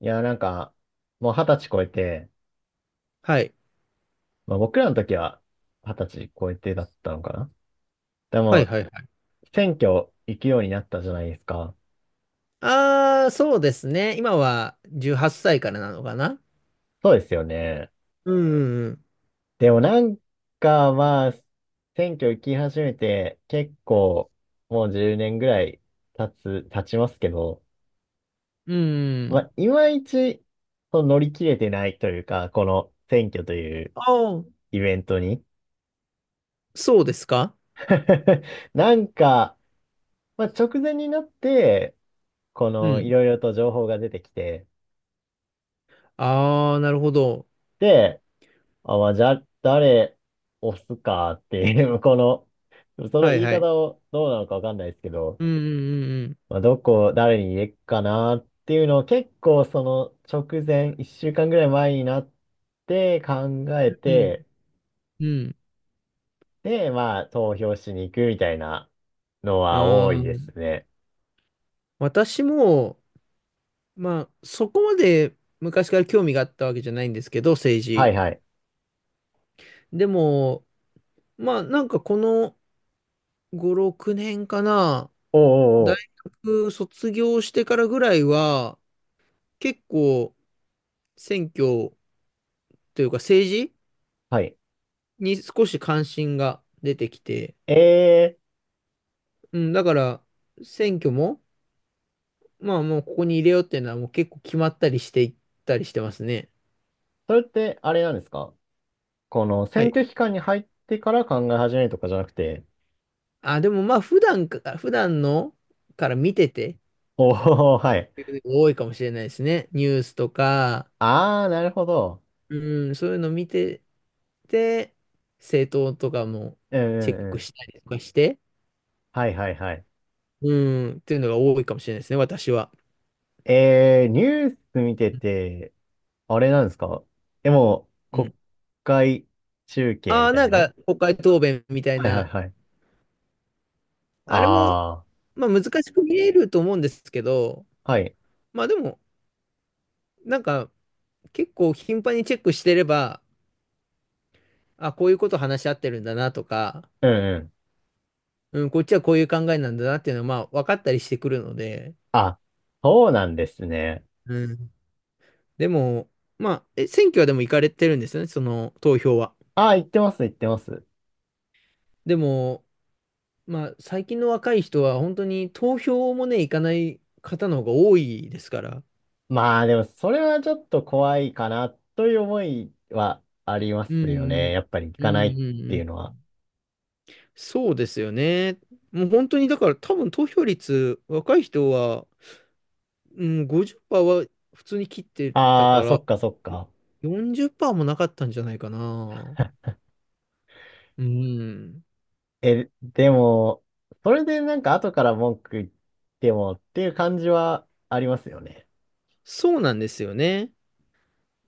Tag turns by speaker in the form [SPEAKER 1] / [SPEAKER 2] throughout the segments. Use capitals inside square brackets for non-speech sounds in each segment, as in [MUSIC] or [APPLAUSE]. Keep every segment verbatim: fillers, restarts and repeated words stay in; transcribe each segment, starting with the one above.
[SPEAKER 1] いや、なんか、もう二十歳超えて、
[SPEAKER 2] はい。
[SPEAKER 1] まあ僕らの時は二十歳超えてだったのかな。で
[SPEAKER 2] はい
[SPEAKER 1] も、
[SPEAKER 2] はいはい。
[SPEAKER 1] 選挙行くようになったじゃないですか。
[SPEAKER 2] ああ、そうですね。今はじゅうはっさいからなのかな。
[SPEAKER 1] そうですよね。
[SPEAKER 2] うんうん
[SPEAKER 1] でもなんか、まあ、選挙行き始めて結構もうじゅうねんぐらい経つ、経ちますけど、
[SPEAKER 2] うん。う
[SPEAKER 1] ま
[SPEAKER 2] ん。
[SPEAKER 1] あ、いまいちその乗り切れてないというか、この選挙という
[SPEAKER 2] ああ、
[SPEAKER 1] イベントに。
[SPEAKER 2] そうですか。
[SPEAKER 1] [LAUGHS] なんか、まあ、直前になって、こ
[SPEAKER 2] う
[SPEAKER 1] の、い
[SPEAKER 2] ん。
[SPEAKER 1] ろいろと情報が出てきて、
[SPEAKER 2] ああ、なるほど。
[SPEAKER 1] で、あ、まあ、じゃあ、誰押すかっていう、[LAUGHS] この、その
[SPEAKER 2] はい
[SPEAKER 1] 言い
[SPEAKER 2] は
[SPEAKER 1] 方
[SPEAKER 2] い。
[SPEAKER 1] をどうなのかわかんないですけど、
[SPEAKER 2] うんうん
[SPEAKER 1] まあ、どこ、誰に入れっかなっていうのを結構その直前、いっしゅうかんぐらい前になって考え
[SPEAKER 2] うんうん。
[SPEAKER 1] て、
[SPEAKER 2] うん。うん。
[SPEAKER 1] で、まあ、投票しに行くみたいなのは
[SPEAKER 2] あ
[SPEAKER 1] 多
[SPEAKER 2] あ、
[SPEAKER 1] いですね。
[SPEAKER 2] 私も、まあ、そこまで昔から興味があったわけじゃないんですけど、政
[SPEAKER 1] は
[SPEAKER 2] 治。
[SPEAKER 1] いはい。
[SPEAKER 2] でも、まあ、なんかこのご、ろくねんかな、
[SPEAKER 1] おうおうお
[SPEAKER 2] 大
[SPEAKER 1] う。
[SPEAKER 2] 学卒業してからぐらいは、結構、選挙というか政治
[SPEAKER 1] はい。
[SPEAKER 2] に少し関心が出てきて、
[SPEAKER 1] えー、
[SPEAKER 2] うん、だから選挙も、まあもうここに入れようっていうのはもう結構決まったりしていったりしてますね。
[SPEAKER 1] それってあれなんですか？この
[SPEAKER 2] は
[SPEAKER 1] 選
[SPEAKER 2] い。
[SPEAKER 1] 挙期間に入ってから考え始めるとかじゃなくて。
[SPEAKER 2] あ、でもまあ普段か、普段のから見てて、
[SPEAKER 1] おー、はい。
[SPEAKER 2] 多いかもしれないですね。ニュースとか、
[SPEAKER 1] あー、なるほど。
[SPEAKER 2] うん、そういうの見てて、政党とかも
[SPEAKER 1] うんう
[SPEAKER 2] チェッ
[SPEAKER 1] んう
[SPEAKER 2] ク
[SPEAKER 1] ん。
[SPEAKER 2] したりとかして、
[SPEAKER 1] はいはいはい。
[SPEAKER 2] うん、っていうのが多いかもしれないですね、私は。
[SPEAKER 1] えー、ニュース見てて、あれなんですか？でも、
[SPEAKER 2] うん。
[SPEAKER 1] 国会中継
[SPEAKER 2] あ
[SPEAKER 1] み
[SPEAKER 2] あ、
[SPEAKER 1] た
[SPEAKER 2] な
[SPEAKER 1] い
[SPEAKER 2] ん
[SPEAKER 1] な。
[SPEAKER 2] か国会答弁みたい
[SPEAKER 1] はいはい
[SPEAKER 2] な
[SPEAKER 1] はい。
[SPEAKER 2] あれも、
[SPEAKER 1] あ
[SPEAKER 2] まあ難しく見えると思うんですけど、
[SPEAKER 1] ー、はい。
[SPEAKER 2] まあでも、なんか結構頻繁にチェックしてれば、あ、こういうこと話し合ってるんだなとか、
[SPEAKER 1] うんうん。
[SPEAKER 2] うん、こっちはこういう考えなんだなっていうのはまあ分かったりしてくるので、
[SPEAKER 1] あ、そうなんですね。
[SPEAKER 2] うん。でも、まあ、え、選挙はでも行かれてるんですよね、その投票は。
[SPEAKER 1] あー、言ってます、言ってます。
[SPEAKER 2] でも、まあ最近の若い人は本当に投票もね、行かない方の方が多いですから。
[SPEAKER 1] まあでも、それはちょっと怖いかな、という思いはありま
[SPEAKER 2] う
[SPEAKER 1] すよね。
[SPEAKER 2] ん
[SPEAKER 1] やっぱり行
[SPEAKER 2] うん。う
[SPEAKER 1] かない
[SPEAKER 2] ん
[SPEAKER 1] っ
[SPEAKER 2] うん
[SPEAKER 1] ていうの
[SPEAKER 2] うん。
[SPEAKER 1] は。
[SPEAKER 2] そうですよね。もう本当にだから多分投票率若い人は、うん、ごじゅっパーセントは普通に切ってた
[SPEAKER 1] あ
[SPEAKER 2] か
[SPEAKER 1] あ、そ
[SPEAKER 2] ら
[SPEAKER 1] っかそっか。
[SPEAKER 2] よんじゅっパーセントもなかったんじゃないかな。うん。
[SPEAKER 1] え、でも、それでなんか後から文句言ってもっていう感じはありますよね。
[SPEAKER 2] そうなんですよね。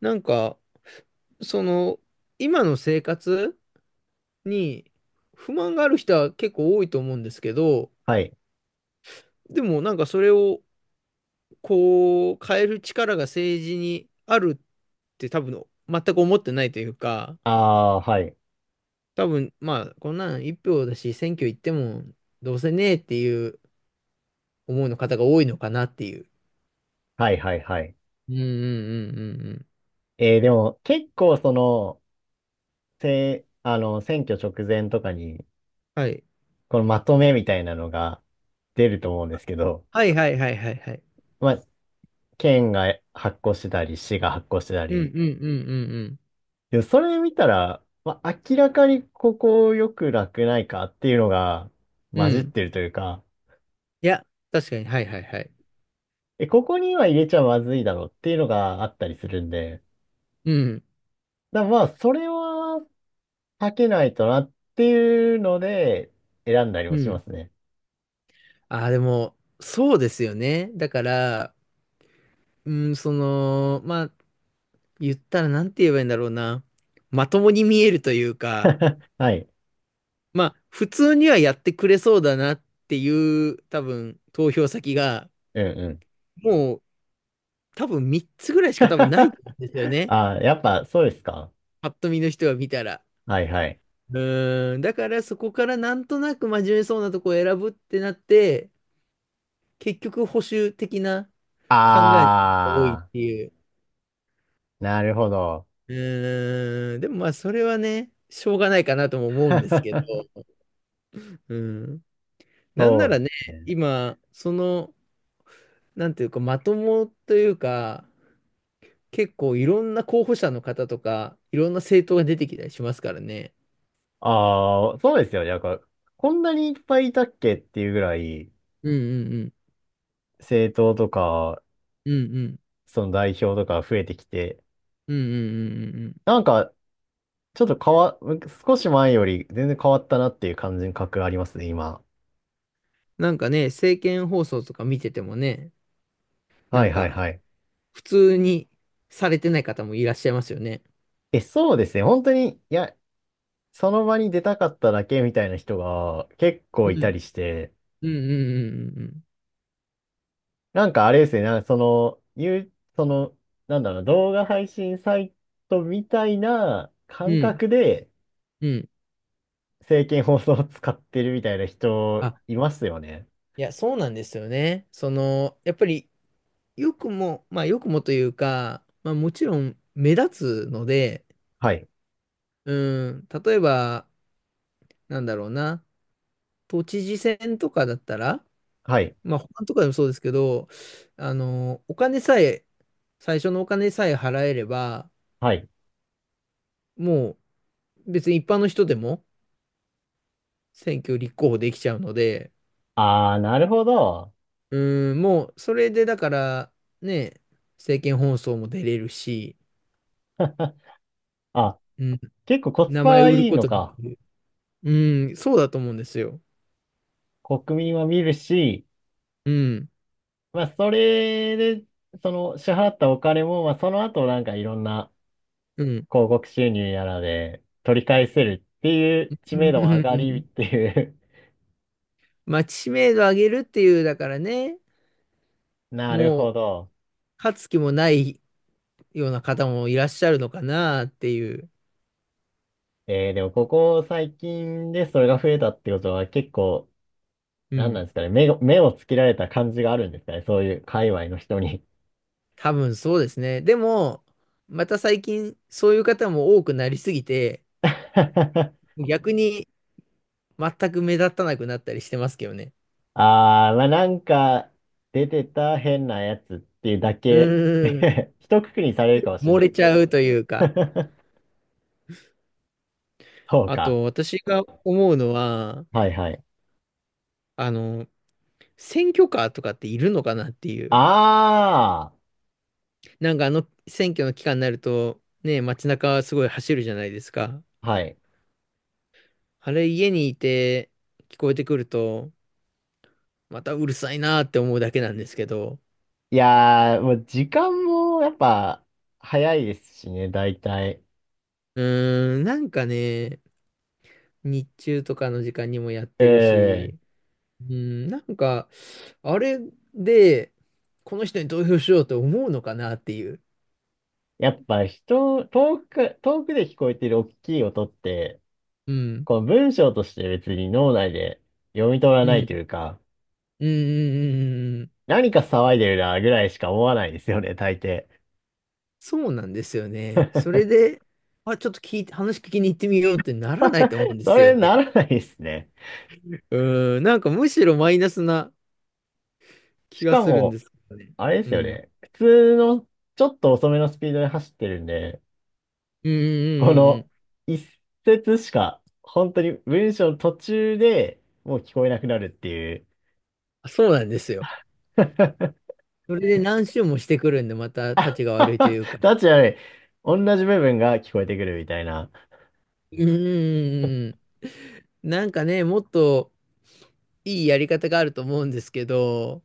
[SPEAKER 2] なんかその今の生活に不満がある人は結構多いと思うんですけど、
[SPEAKER 1] はい。
[SPEAKER 2] でもなんかそれをこう変える力が政治にあるって多分全く思ってないというか、
[SPEAKER 1] ああ、はい。
[SPEAKER 2] 多分、まあ、こんなんいっぴょうだし、選挙行っても、どうせねえっていう思いの方が多いのかなっていう。
[SPEAKER 1] はいはいはい。
[SPEAKER 2] うんうんうんうんうん。
[SPEAKER 1] えーでも結構その、せ、あの、選挙直前とかに、
[SPEAKER 2] はい。
[SPEAKER 1] このまとめみたいなのが出ると思うんですけど、
[SPEAKER 2] はいはいはいはいはい。
[SPEAKER 1] まあ、県が発行してたり、市が発行してた
[SPEAKER 2] うん
[SPEAKER 1] り、
[SPEAKER 2] うんうんうん
[SPEAKER 1] でもそれ見たら、まあ、明らかにここよくなくないかっていうのが
[SPEAKER 2] うん。
[SPEAKER 1] 混じ
[SPEAKER 2] う
[SPEAKER 1] っ
[SPEAKER 2] ん。
[SPEAKER 1] てるというか、
[SPEAKER 2] いや、確かに、はいはいはい。
[SPEAKER 1] え、ここには入れちゃまずいだろうっていうのがあったりするんで、
[SPEAKER 2] うん、
[SPEAKER 1] だからまあ、それは避けないとなっていうので、選んだり
[SPEAKER 2] う
[SPEAKER 1] もしま
[SPEAKER 2] ん。
[SPEAKER 1] すね。
[SPEAKER 2] ああ、でも、そうですよね。だから、うん、その、まあ、言ったらなんて言えばいいんだろうな。まともに見えるというか、
[SPEAKER 1] [LAUGHS] はい。
[SPEAKER 2] まあ、普通にはやってくれそうだなっていう、多分、投票先が、
[SPEAKER 1] うんうん。
[SPEAKER 2] もう多分みっつぐらいしか多
[SPEAKER 1] [LAUGHS]
[SPEAKER 2] 分ないんですよね。
[SPEAKER 1] あー、やっぱそうですか？
[SPEAKER 2] パッと見の人は見たら。
[SPEAKER 1] はいはい。
[SPEAKER 2] うーん。だからそこからなんとなく真面目そうなとこを選ぶってなって、結局保守的な人が多いっ
[SPEAKER 1] あ
[SPEAKER 2] ていう。
[SPEAKER 1] ー、なるほど。
[SPEAKER 2] うーん。でもまあそれはね、しょうがないかなとも思うんですけ
[SPEAKER 1] [LAUGHS]
[SPEAKER 2] ど。うん。なんな
[SPEAKER 1] そ
[SPEAKER 2] ら
[SPEAKER 1] う
[SPEAKER 2] ね、
[SPEAKER 1] ですね。
[SPEAKER 2] 今、その、なんていうか、まともというか、結構いろんな候補者の方とか、いろんな政党が出てきたりしますからね。
[SPEAKER 1] ああ、そうですよね。なんか、こんなにいっぱいいたっけっていうぐらい、
[SPEAKER 2] うんうんうん。
[SPEAKER 1] 政党とか、
[SPEAKER 2] うんうん。
[SPEAKER 1] その代表とか増えてきて、
[SPEAKER 2] うんうんうんうんうん。
[SPEAKER 1] なんか、ちょっと変わ、少し前より全然変わったなっていう感じの感覚ありますね、今。
[SPEAKER 2] なんかね、政見放送とか見ててもね、な
[SPEAKER 1] は
[SPEAKER 2] ん
[SPEAKER 1] いはい
[SPEAKER 2] か、
[SPEAKER 1] はい。
[SPEAKER 2] 普通にされてない方もいらっしゃいますよね。
[SPEAKER 1] え、そうですね。本当に、いや、その場に出たかっただけみたいな人が結構
[SPEAKER 2] う
[SPEAKER 1] いた
[SPEAKER 2] ん。
[SPEAKER 1] りして、
[SPEAKER 2] うんうん
[SPEAKER 1] なんかあれですね、なんかその、言う、その、なんだろう、動画配信サイトみたいな
[SPEAKER 2] うんう
[SPEAKER 1] 感
[SPEAKER 2] んうん。
[SPEAKER 1] 覚で
[SPEAKER 2] うんうん。
[SPEAKER 1] 政見放送を使ってるみたいな人
[SPEAKER 2] あ、
[SPEAKER 1] いますよね。
[SPEAKER 2] いや、そうなんですよね。その、やっぱり、よくも、まあ、よくもというか、まあ、もちろん目立つので、
[SPEAKER 1] はい。
[SPEAKER 2] うん、例えば、なんだろうな、都知事選とかだったら、
[SPEAKER 1] はい。
[SPEAKER 2] まあ、保管とかでもそうですけど、あの、お金さえ、最初のお金さえ払えれば、
[SPEAKER 1] はい。
[SPEAKER 2] もう別に一般の人でも選挙立候補できちゃうので、
[SPEAKER 1] あー、なるほど。
[SPEAKER 2] うん、もうそれでだから、ね、政見放送も出れるし、
[SPEAKER 1] [LAUGHS] あ、
[SPEAKER 2] うん、
[SPEAKER 1] 結構コス
[SPEAKER 2] 名前
[SPEAKER 1] パ
[SPEAKER 2] 売る
[SPEAKER 1] いい
[SPEAKER 2] こ
[SPEAKER 1] の
[SPEAKER 2] とで
[SPEAKER 1] か。
[SPEAKER 2] きる。うん、そうだと思うんですよ。
[SPEAKER 1] 国民は見るし、
[SPEAKER 2] うん、
[SPEAKER 1] まあ、それで、その支払ったお金も、まあ、その後なんかいろんな
[SPEAKER 2] うん。
[SPEAKER 1] 広告収入やらで取り返せるっていう知
[SPEAKER 2] うん
[SPEAKER 1] 名度
[SPEAKER 2] う
[SPEAKER 1] も上
[SPEAKER 2] ん
[SPEAKER 1] が
[SPEAKER 2] う
[SPEAKER 1] りっ
[SPEAKER 2] ん。
[SPEAKER 1] ていう。
[SPEAKER 2] まあ、知名度上げるっていう、だからね、
[SPEAKER 1] [LAUGHS] なる
[SPEAKER 2] も
[SPEAKER 1] ほ
[SPEAKER 2] う、
[SPEAKER 1] ど。
[SPEAKER 2] 勝つ気もないような方もいらっしゃるのかなっていう。
[SPEAKER 1] えー、でもここ最近でそれが増えたってことは結構、
[SPEAKER 2] う
[SPEAKER 1] なんなん
[SPEAKER 2] ん。
[SPEAKER 1] ですかね、目を目をつけられた感じがあるんですかね、そういう界隈の人に。
[SPEAKER 2] 多分そうですね。でも、また最近、そういう方も多くなりすぎて、
[SPEAKER 1] [LAUGHS]
[SPEAKER 2] 逆に全く目立たなくなったりしてますけどね。
[SPEAKER 1] ああ、まあなんか出てた変なやつっていうだ
[SPEAKER 2] う
[SPEAKER 1] け。
[SPEAKER 2] ーん、
[SPEAKER 1] [LAUGHS] 一括りにされるかもしれ
[SPEAKER 2] 漏
[SPEAKER 1] な
[SPEAKER 2] れ
[SPEAKER 1] い。
[SPEAKER 2] ちゃうというか。
[SPEAKER 1] [LAUGHS] そう
[SPEAKER 2] あ
[SPEAKER 1] か。
[SPEAKER 2] と、私が思うのは、
[SPEAKER 1] はいはい。
[SPEAKER 2] あの、選挙カーとかっているのかなっていう。
[SPEAKER 1] あ
[SPEAKER 2] なんかあの選挙の期間になると、ね、街中はすごい走るじゃないですか。
[SPEAKER 1] あ、はい。
[SPEAKER 2] あれ、家にいて聞こえてくると、またうるさいなって思うだけなんですけど。
[SPEAKER 1] いやー、もう時間もやっぱ早いですしね、大体。
[SPEAKER 2] うーん、なんかね、日中とかの時間にもやってる
[SPEAKER 1] ええ、
[SPEAKER 2] し、うん、なんか、あれで、この人に投票しようと思うのかなっていう。
[SPEAKER 1] やっぱ人、遠く、遠くで聞こえてる大きい音って、
[SPEAKER 2] うん、
[SPEAKER 1] この文章として別に脳内で読み取ら
[SPEAKER 2] う
[SPEAKER 1] な
[SPEAKER 2] ん、う
[SPEAKER 1] い
[SPEAKER 2] ん、
[SPEAKER 1] というか、
[SPEAKER 2] うん、うんうん。
[SPEAKER 1] 何か騒いでるなぐらいしか思わないですよね、大抵。
[SPEAKER 2] そうなんですよね。それで、あ、ちょっと聞いて、話聞きに行ってみようってならないと思うん
[SPEAKER 1] [LAUGHS]
[SPEAKER 2] で
[SPEAKER 1] そ
[SPEAKER 2] すよ
[SPEAKER 1] れ
[SPEAKER 2] ね。
[SPEAKER 1] ならないですね。
[SPEAKER 2] うん、なんかむしろマイナスな気
[SPEAKER 1] し
[SPEAKER 2] が
[SPEAKER 1] か
[SPEAKER 2] するん
[SPEAKER 1] も、
[SPEAKER 2] ですよね。
[SPEAKER 1] あれで
[SPEAKER 2] うん、
[SPEAKER 1] す
[SPEAKER 2] う
[SPEAKER 1] よ
[SPEAKER 2] ん、
[SPEAKER 1] ね。普通のちょっと遅めのスピードで走ってるんで、
[SPEAKER 2] うん、う
[SPEAKER 1] こ
[SPEAKER 2] んう
[SPEAKER 1] の
[SPEAKER 2] ん。
[SPEAKER 1] 一節しか、本当に文章の途中でもう聞こえなくなるっていう。
[SPEAKER 2] あ、そうなんですよ。
[SPEAKER 1] [LAUGHS] タ
[SPEAKER 2] それで何周もしてくるんで、また、たちが悪いというか。
[SPEAKER 1] ッチ悪い。同じ部分が聞こえてくるみたいな。
[SPEAKER 2] うん、うん、うんうん。なんかね、もっといいやり方があると思うんですけど、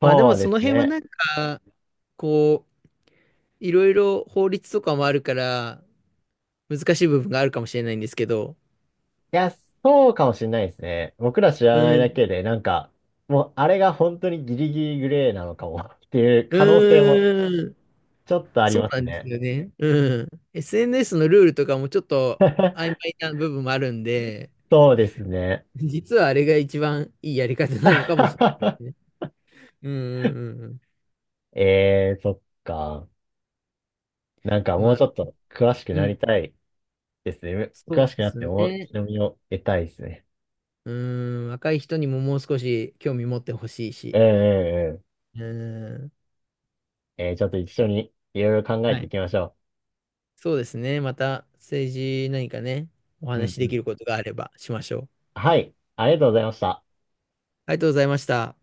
[SPEAKER 2] まあでも
[SPEAKER 1] そう
[SPEAKER 2] そ
[SPEAKER 1] です
[SPEAKER 2] の辺はな
[SPEAKER 1] ね。
[SPEAKER 2] んか、こう、いろいろ法律とかもあるから、難しい部分があるかもしれないんですけど、
[SPEAKER 1] いや、そうかもしれないですね。僕ら知
[SPEAKER 2] う
[SPEAKER 1] らないだ
[SPEAKER 2] ん。
[SPEAKER 1] けで、なんか、もうあれが本当にギリギリグレーなのかもっていう
[SPEAKER 2] う
[SPEAKER 1] 可能性も
[SPEAKER 2] ーん。
[SPEAKER 1] ちょっとあり
[SPEAKER 2] そう
[SPEAKER 1] ま
[SPEAKER 2] な
[SPEAKER 1] す
[SPEAKER 2] んです
[SPEAKER 1] ね。
[SPEAKER 2] よね。うん。エスエヌエス のルールとかもちょっと曖
[SPEAKER 1] [LAUGHS]
[SPEAKER 2] 昧な部分もあるんで、
[SPEAKER 1] そうですね。
[SPEAKER 2] 実はあれが一番いいやり方なのかもしれないですね。
[SPEAKER 1] [LAUGHS]
[SPEAKER 2] うんうんうんうん。
[SPEAKER 1] えー、そっか。なんかも
[SPEAKER 2] ま
[SPEAKER 1] う
[SPEAKER 2] あ、
[SPEAKER 1] ちょっと詳しく
[SPEAKER 2] う
[SPEAKER 1] な
[SPEAKER 2] ん。
[SPEAKER 1] りたいですね。
[SPEAKER 2] そ
[SPEAKER 1] 詳
[SPEAKER 2] う
[SPEAKER 1] しく
[SPEAKER 2] で
[SPEAKER 1] なっ
[SPEAKER 2] す
[SPEAKER 1] て面
[SPEAKER 2] ね。
[SPEAKER 1] 白みを得たいですね。
[SPEAKER 2] うーん、若い人にももう少し興味持ってほしい
[SPEAKER 1] う
[SPEAKER 2] し。
[SPEAKER 1] んうんう
[SPEAKER 2] うーん、
[SPEAKER 1] ん。えーちょっと一緒にいろいろ考え
[SPEAKER 2] は
[SPEAKER 1] てい
[SPEAKER 2] い。
[SPEAKER 1] きましょ
[SPEAKER 2] そうですね。また政治何かね、お
[SPEAKER 1] う。ん
[SPEAKER 2] 話し
[SPEAKER 1] うん。
[SPEAKER 2] で
[SPEAKER 1] う
[SPEAKER 2] き
[SPEAKER 1] ん。
[SPEAKER 2] ることがあればしましょう。
[SPEAKER 1] はい。ありがとうございました。
[SPEAKER 2] ありがとうございました。